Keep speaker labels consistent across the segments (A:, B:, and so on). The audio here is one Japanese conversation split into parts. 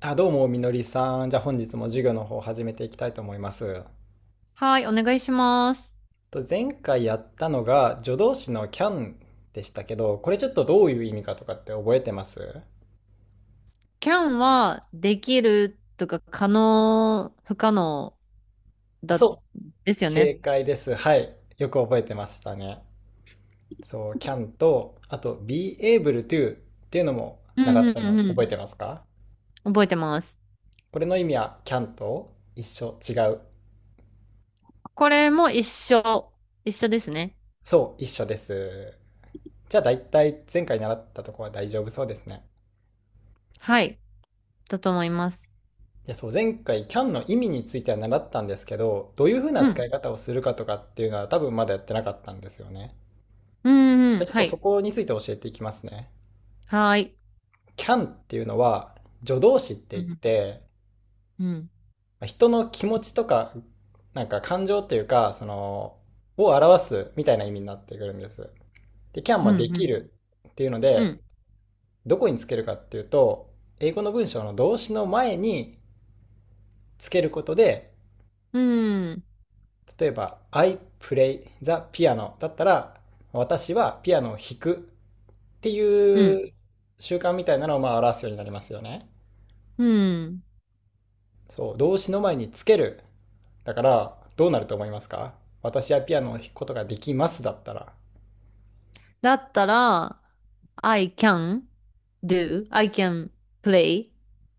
A: あ、どうも、みのりさん。じゃあ本日も授業の方を始めていきたいと思います。
B: はい、お願いします。
A: と前回やったのが助動詞の can でしたけど、これちょっとどういう意味かとかって覚えてます？
B: キャンはできるとか可能、不可能だ、
A: そ
B: で
A: う、
B: すよ
A: 正
B: ね。
A: 解です。はい。よく覚えてましたね。そう、can と、あと be able to っていうのも
B: うん
A: 習っ
B: うん
A: たの
B: うん
A: 覚え
B: う
A: てますか？
B: ん。覚えてます。
A: これの意味は can と一緒、違う？
B: これも一緒。一緒ですね。
A: そう、一緒です。じゃあ大体前回習ったとこは大丈夫そうですね。
B: はい。だと思います。
A: いやそう、前回 CAN の意味については習ったんですけど、どういうふうな
B: う
A: 使
B: ん。
A: い方をするかとかっていうのは多分まだやってなかったんですよね。
B: うんう
A: で
B: ん。
A: ちょっ
B: は
A: とそ
B: い。
A: こについて教えていきますね。
B: はい。
A: CAN っていうのは助動詞って
B: う
A: 言っ
B: ん。
A: て、
B: うん。
A: まあ人の気持ちとか、なんか感情というか、を表すみたいな意味になってくるんです。で、CAN
B: う
A: もでき
B: ん。
A: るっていうの
B: う
A: で、
B: ん。
A: どこにつけるかっていうと、英語の文章の動詞の前につけることで、
B: うん。
A: 例えば、I play the piano だったら、私はピアノを弾くって
B: うん。
A: いう習慣みたいなのをまあ表すようになりますよね。
B: うん。
A: そう、動詞の前につける。だから、どうなると思いますか？私はピアノを弾くことができますだったら。
B: だったら、I can I can play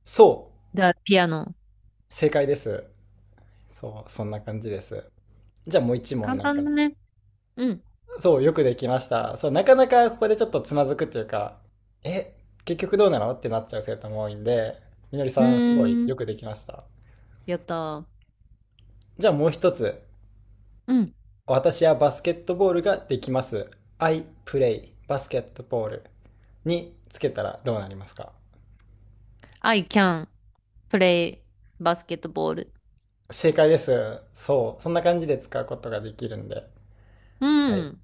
A: そう、
B: the piano.
A: 正解です。そう、そんな感じです。じゃあもう一問
B: 簡
A: なんか。
B: 単だね。うん。
A: そう、よくできました。そう、なかなかここでちょっとつまずくっていうか、え、結局どうなのってなっちゃう生徒も多いんで、みのり
B: う
A: さん、すごい
B: ー
A: よ
B: ん。
A: くできました。
B: やったー。
A: じゃあもう一つ。
B: うん。
A: 私はバスケットボールができます。I play バスケットボールにつけたらどうなりますか？
B: I can play basketball.
A: 正解です。そう。そんな感じで使うことができるんで。
B: う
A: はい。
B: ん。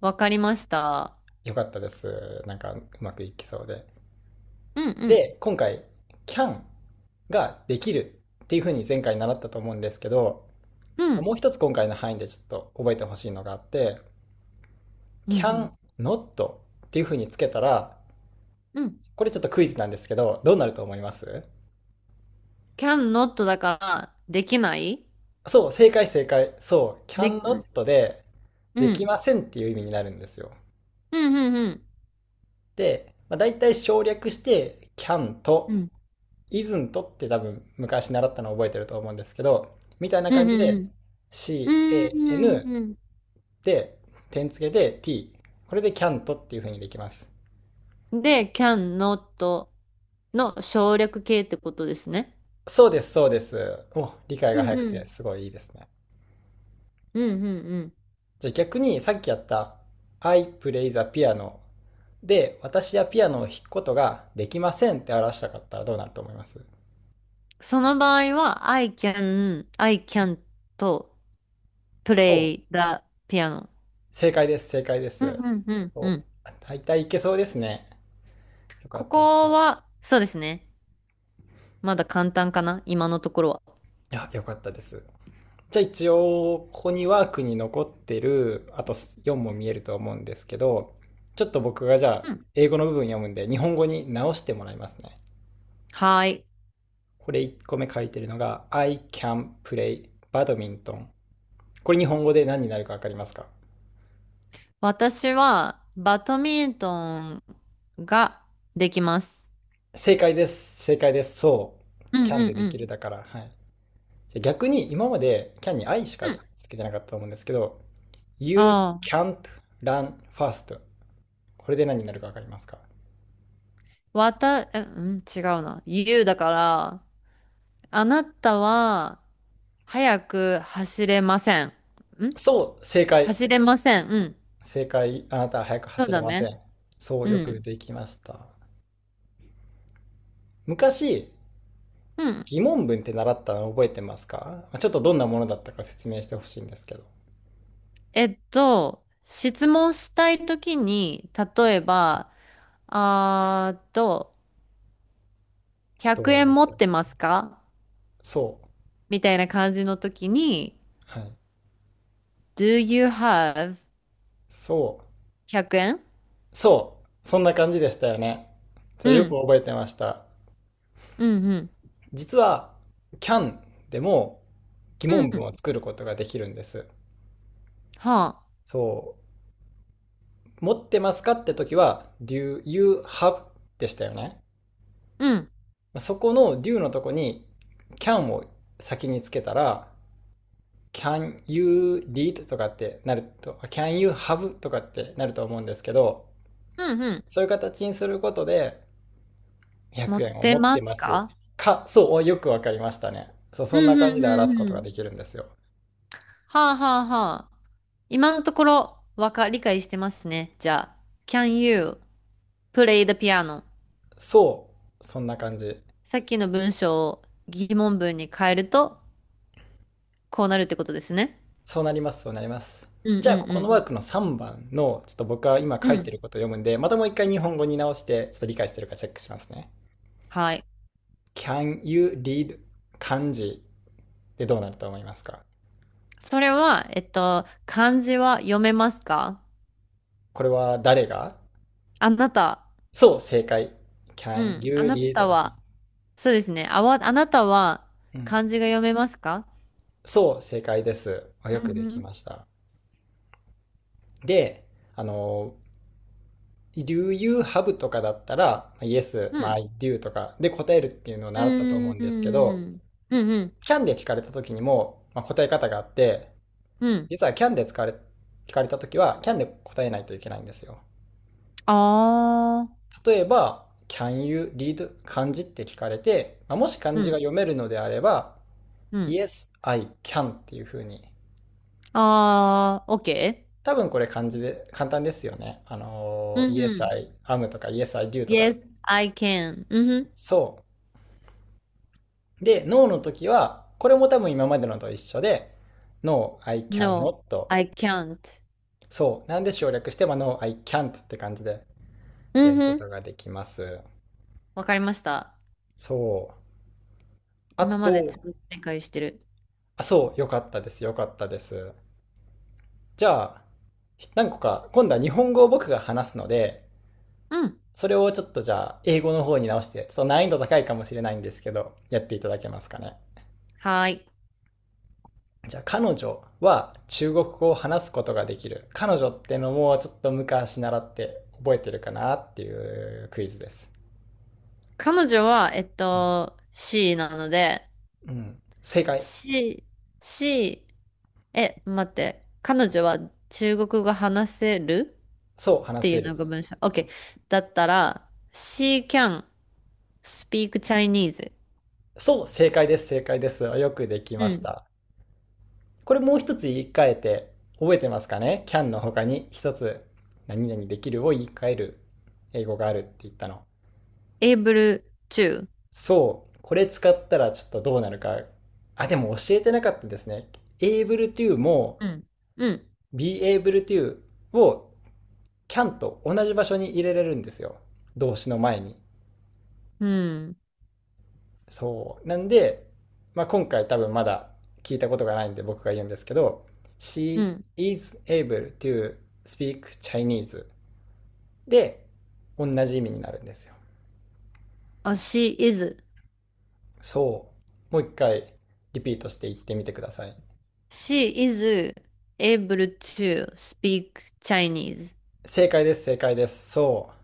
B: わかりました。
A: よかったです。なんかうまくいきそうで。
B: うんうん。
A: で、今回、can ができるっていうふうに前回習ったと思うんですけど、
B: うん。
A: もう一つ今回の範囲でちょっと覚えてほしいのがあって、
B: うんう
A: can
B: ん。
A: not っていうふうにつけたら、
B: うん。
A: これちょっとクイズなんですけど、どうなると思います？
B: can not だから、できない。
A: そう、正解正解。そう、can
B: で、うん。
A: not で、
B: う
A: でき
B: ん。
A: ませんっていう意味になるんですよ。
B: うんうんうん。
A: で、まあ、大体省略して、can
B: う
A: と
B: ん。
A: isn't って多分昔習ったのを覚えてると思うんですけど、みたいな
B: う
A: 感
B: んう
A: じで、
B: んう
A: can
B: ん。うんうん
A: で、点付けで t。これで can t っていう風にできます。
B: うん。で、can not の省略形ってことですね。
A: そうです、そうです。お、理解
B: う
A: が早
B: ん
A: く
B: う
A: て
B: ん。
A: すごいいいですね。
B: うんうんうん。
A: じゃあ逆にさっきやった I play the piano で私はピアノを弾くことができませんって表したかったらどうなると思います？
B: その場合は、I can と
A: そう。
B: play the piano.
A: 正解です、正解で
B: うん
A: す。
B: うんうんう
A: そ
B: ん。
A: う、大体いけそうですね。よか
B: こ
A: ったです。
B: こは、そうですね。まだ簡単かな、今のところは。
A: いや、よかったです。じゃあ一応、ここにワークに残ってる、あと4も見えると思うんですけど、ちょっと僕がじゃあ、
B: うん。
A: 英語の部分読むんで、日本語に直してもらいますね。
B: はい。
A: これ1個目書いてるのが、I can play badminton。これ日本語で何になるかわかりますか？
B: 私は、バドミントンができます。
A: 正解です。正解です。そ
B: う
A: う。
B: ん
A: can
B: う
A: で
B: ん
A: で
B: う
A: き
B: ん。
A: るだから。はい。じゃあ逆に今まで can に I しか
B: うん。
A: つけてなかったと思うんですけど、You
B: あ
A: can't run fast. これで何になるかわかりますか？
B: あ、え、うん、違うな。言うだから、あなたは、早く走れません。
A: そう。正解。
B: 走れません。うん。
A: 正解。あなたは速く
B: そう
A: 走れ
B: だ
A: ませ
B: ね。
A: ん。そう。
B: う
A: よ
B: ん。
A: くできました。昔、
B: うん。
A: 疑問文って習ったの覚えてますか？まあちょっとどんなものだったか説明してほしいんですけど。
B: 質問したいときに、例えば、あーと、
A: ど
B: 100円持
A: う？
B: ってますか
A: そ
B: みたいな感じの時に、
A: う。はい。
B: Do you have
A: そう。
B: 100円？
A: そう、そんな感じでしたよね。そう、
B: う
A: よ
B: ん、
A: く覚えてました。
B: うん、
A: 実は、CAN でも疑
B: うん、
A: 問
B: う
A: 文
B: ん、
A: を作ることができるんです。
B: はあ、
A: そう、持ってますかって時は、Do you have でしたよね。
B: うん、
A: そこの Do のとこに CAN を先につけたら、Can you read とかってなると、Can you have とかってなると思うんですけど、
B: うん、うん。
A: そういう形にすることで、
B: 持
A: 100
B: っ
A: 円を
B: て
A: 持っ
B: ま
A: て
B: す
A: ます
B: か？
A: か、そう、およくわかりましたね。そう、
B: う
A: そんな
B: ん、
A: 感
B: う
A: じ
B: ん、
A: で
B: う
A: 表す
B: ん、
A: こと
B: う
A: がで
B: ん。
A: きるんですよ。
B: はあ、はあ、はあ。今のところ、理解してますね。じゃあ、Can you play the piano?
A: そう、そんな感じ。
B: さっきの文章を疑問文に変えると、こうなるってことですね。
A: そうなります、そうなります。
B: うん、う
A: じゃあ、ここの
B: ん、
A: ワークの3番の、ちょっと僕は今
B: う
A: 書
B: ん。う
A: いて
B: ん。
A: ることを読むんで、またもう一回日本語に直して、ちょっと理解してるかチェックしますね。
B: はい。
A: Can you read 漢字でどうなると思いますか？
B: それは、漢字は読めますか？
A: これは誰が？
B: あなた、
A: そう、正解。
B: う
A: Can
B: ん、あ
A: you
B: な
A: read
B: た
A: だ。
B: は、そうですね。あなたは
A: うん。
B: 漢字が読めますか？
A: そう、正解です。あ
B: う
A: よく
B: ん
A: で
B: う
A: き
B: ん。
A: ました。で、あの、Do you have とかだったら、まあ Yes,
B: う
A: まあ
B: ん。
A: I do とかで答えるっていうのを
B: う
A: 習ったと思う
B: ん。
A: ん
B: う
A: ですけど、
B: ん。うん。
A: Can で聞かれた時にも、まあ、答え方があって、
B: うん。
A: 実は Can で使われ、聞かれた時は Can で答えないといけないんですよ。
B: ああ。
A: 例えば、Can you read 漢字って聞かれて、まあ、もし漢
B: う
A: 字が
B: ん。
A: 読めるのであれば、
B: うん。
A: Yes, I can っていう風に。
B: ああ、OK?
A: 多分これ漢字で簡単ですよね。
B: うんう
A: Yes,
B: ん。
A: I am とか Yes, I do とか。
B: Yes, I can. うんう
A: そう。で、No の時は、これも多分今までのと一緒で、No, I
B: ん。
A: can
B: No,
A: not.
B: I can't.
A: そう。なんで省略して、まあ、No, I can't って感じで
B: う
A: や
B: ん
A: るこ
B: う
A: と
B: ん。
A: ができます。
B: わかりました。
A: そう。あ
B: 今までち
A: と、
B: ゃんと理解してる。
A: あ、そう。よかったです。よかったです。じゃあ、何個か、今度は日本語を僕が話すので、
B: うん。
A: それをちょっとじゃあ、英語の方に直して、ちょっと難易度高いかもしれないんですけど、やっていただけますかね。
B: はーい。
A: じゃあ彼女は中国語を話すことができる。彼女ってのもちょっと昔習って覚えてるかなっていうクイズです。
B: 彼女は、C、 なので、
A: うん。正解。
B: C、C、え、待って、彼女は中国語話せる
A: そう、
B: っ
A: 話
B: ていう
A: せ
B: の
A: る。
B: が文章。OK。だったら、She can speak Chinese.
A: そう、正解です、正解です。よくでき
B: う
A: まし
B: ん。
A: た。これもう一つ言い換えて覚えてますかね？ can の他に一つ何々できるを言い換える英語があるって言ったの。
B: able to.
A: そう、これ使ったらちょっとどうなるか。あ、でも教えてなかったですね。able to も
B: うん。うん。
A: be able to を can と同じ場所に入れれるんですよ。動詞の前に。
B: うん。
A: そう。なんで、まあ、今回多分まだ聞いたことがないんで僕が言うんですけど、
B: う
A: she
B: ん。
A: is able to speak Chinese で同じ意味になるんですよ。
B: あ、she is.
A: そう。もう一回リピートして言ってみてください。
B: She is able to speak Chinese.
A: 正解です、正解です。そう。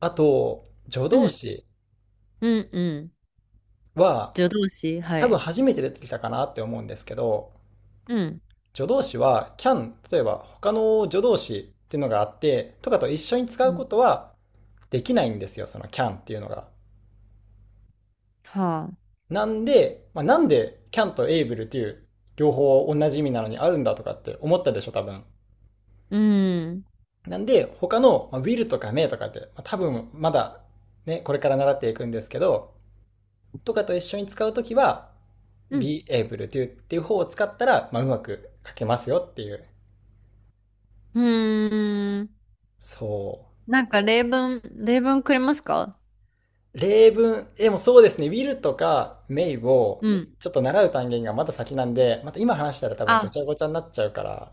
A: あと、助
B: う
A: 動
B: ん。
A: 詞
B: うん。うん。
A: は
B: 助動詞。は
A: 多分
B: い。
A: 初めて出てきたかなって思うんですけど、
B: うん。
A: 助動詞は can、例えば他の助動詞っていうのがあって、とかと一緒に使
B: う
A: うこ
B: ん。
A: とはできないんですよ、その can っていうのが。
B: はあ。
A: なんで、まあ、なんで can と able っていう両方同じ意味なのにあるんだとかって思ったでしょ、多分。
B: うん。
A: なんで、他の、will とか may とかって、多分まだね、これから習っていくんですけど、とかと一緒に使うときは、
B: うん。
A: be able to っていう方を使ったら、まあ、うまく書けますよっていう。
B: うーん。
A: そう。
B: なんか例文、例文くれますか？
A: 例文、でもそうですね、will とか may を
B: うん。
A: ちょっと習う単元がまだ先なんで、また今話したら多分ご
B: あ、
A: ちゃごちゃになっちゃうから、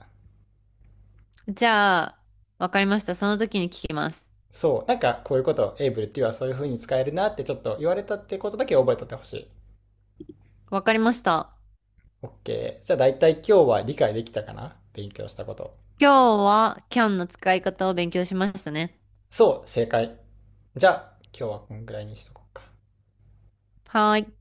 B: じゃあ、わかりました。その時に聞きます。
A: そう、なんかこういうこと、able っていうのはそういう風に使えるなってちょっと言われたってことだけ覚えとってほしい。
B: わかりました。
A: OK。じゃあ大体今日は理解できたかな、勉強したこと。
B: 今日はキャンの使い方を勉強しましたね。
A: そう、正解。じゃあ今日はこんぐらいにしとこうか。
B: はーい。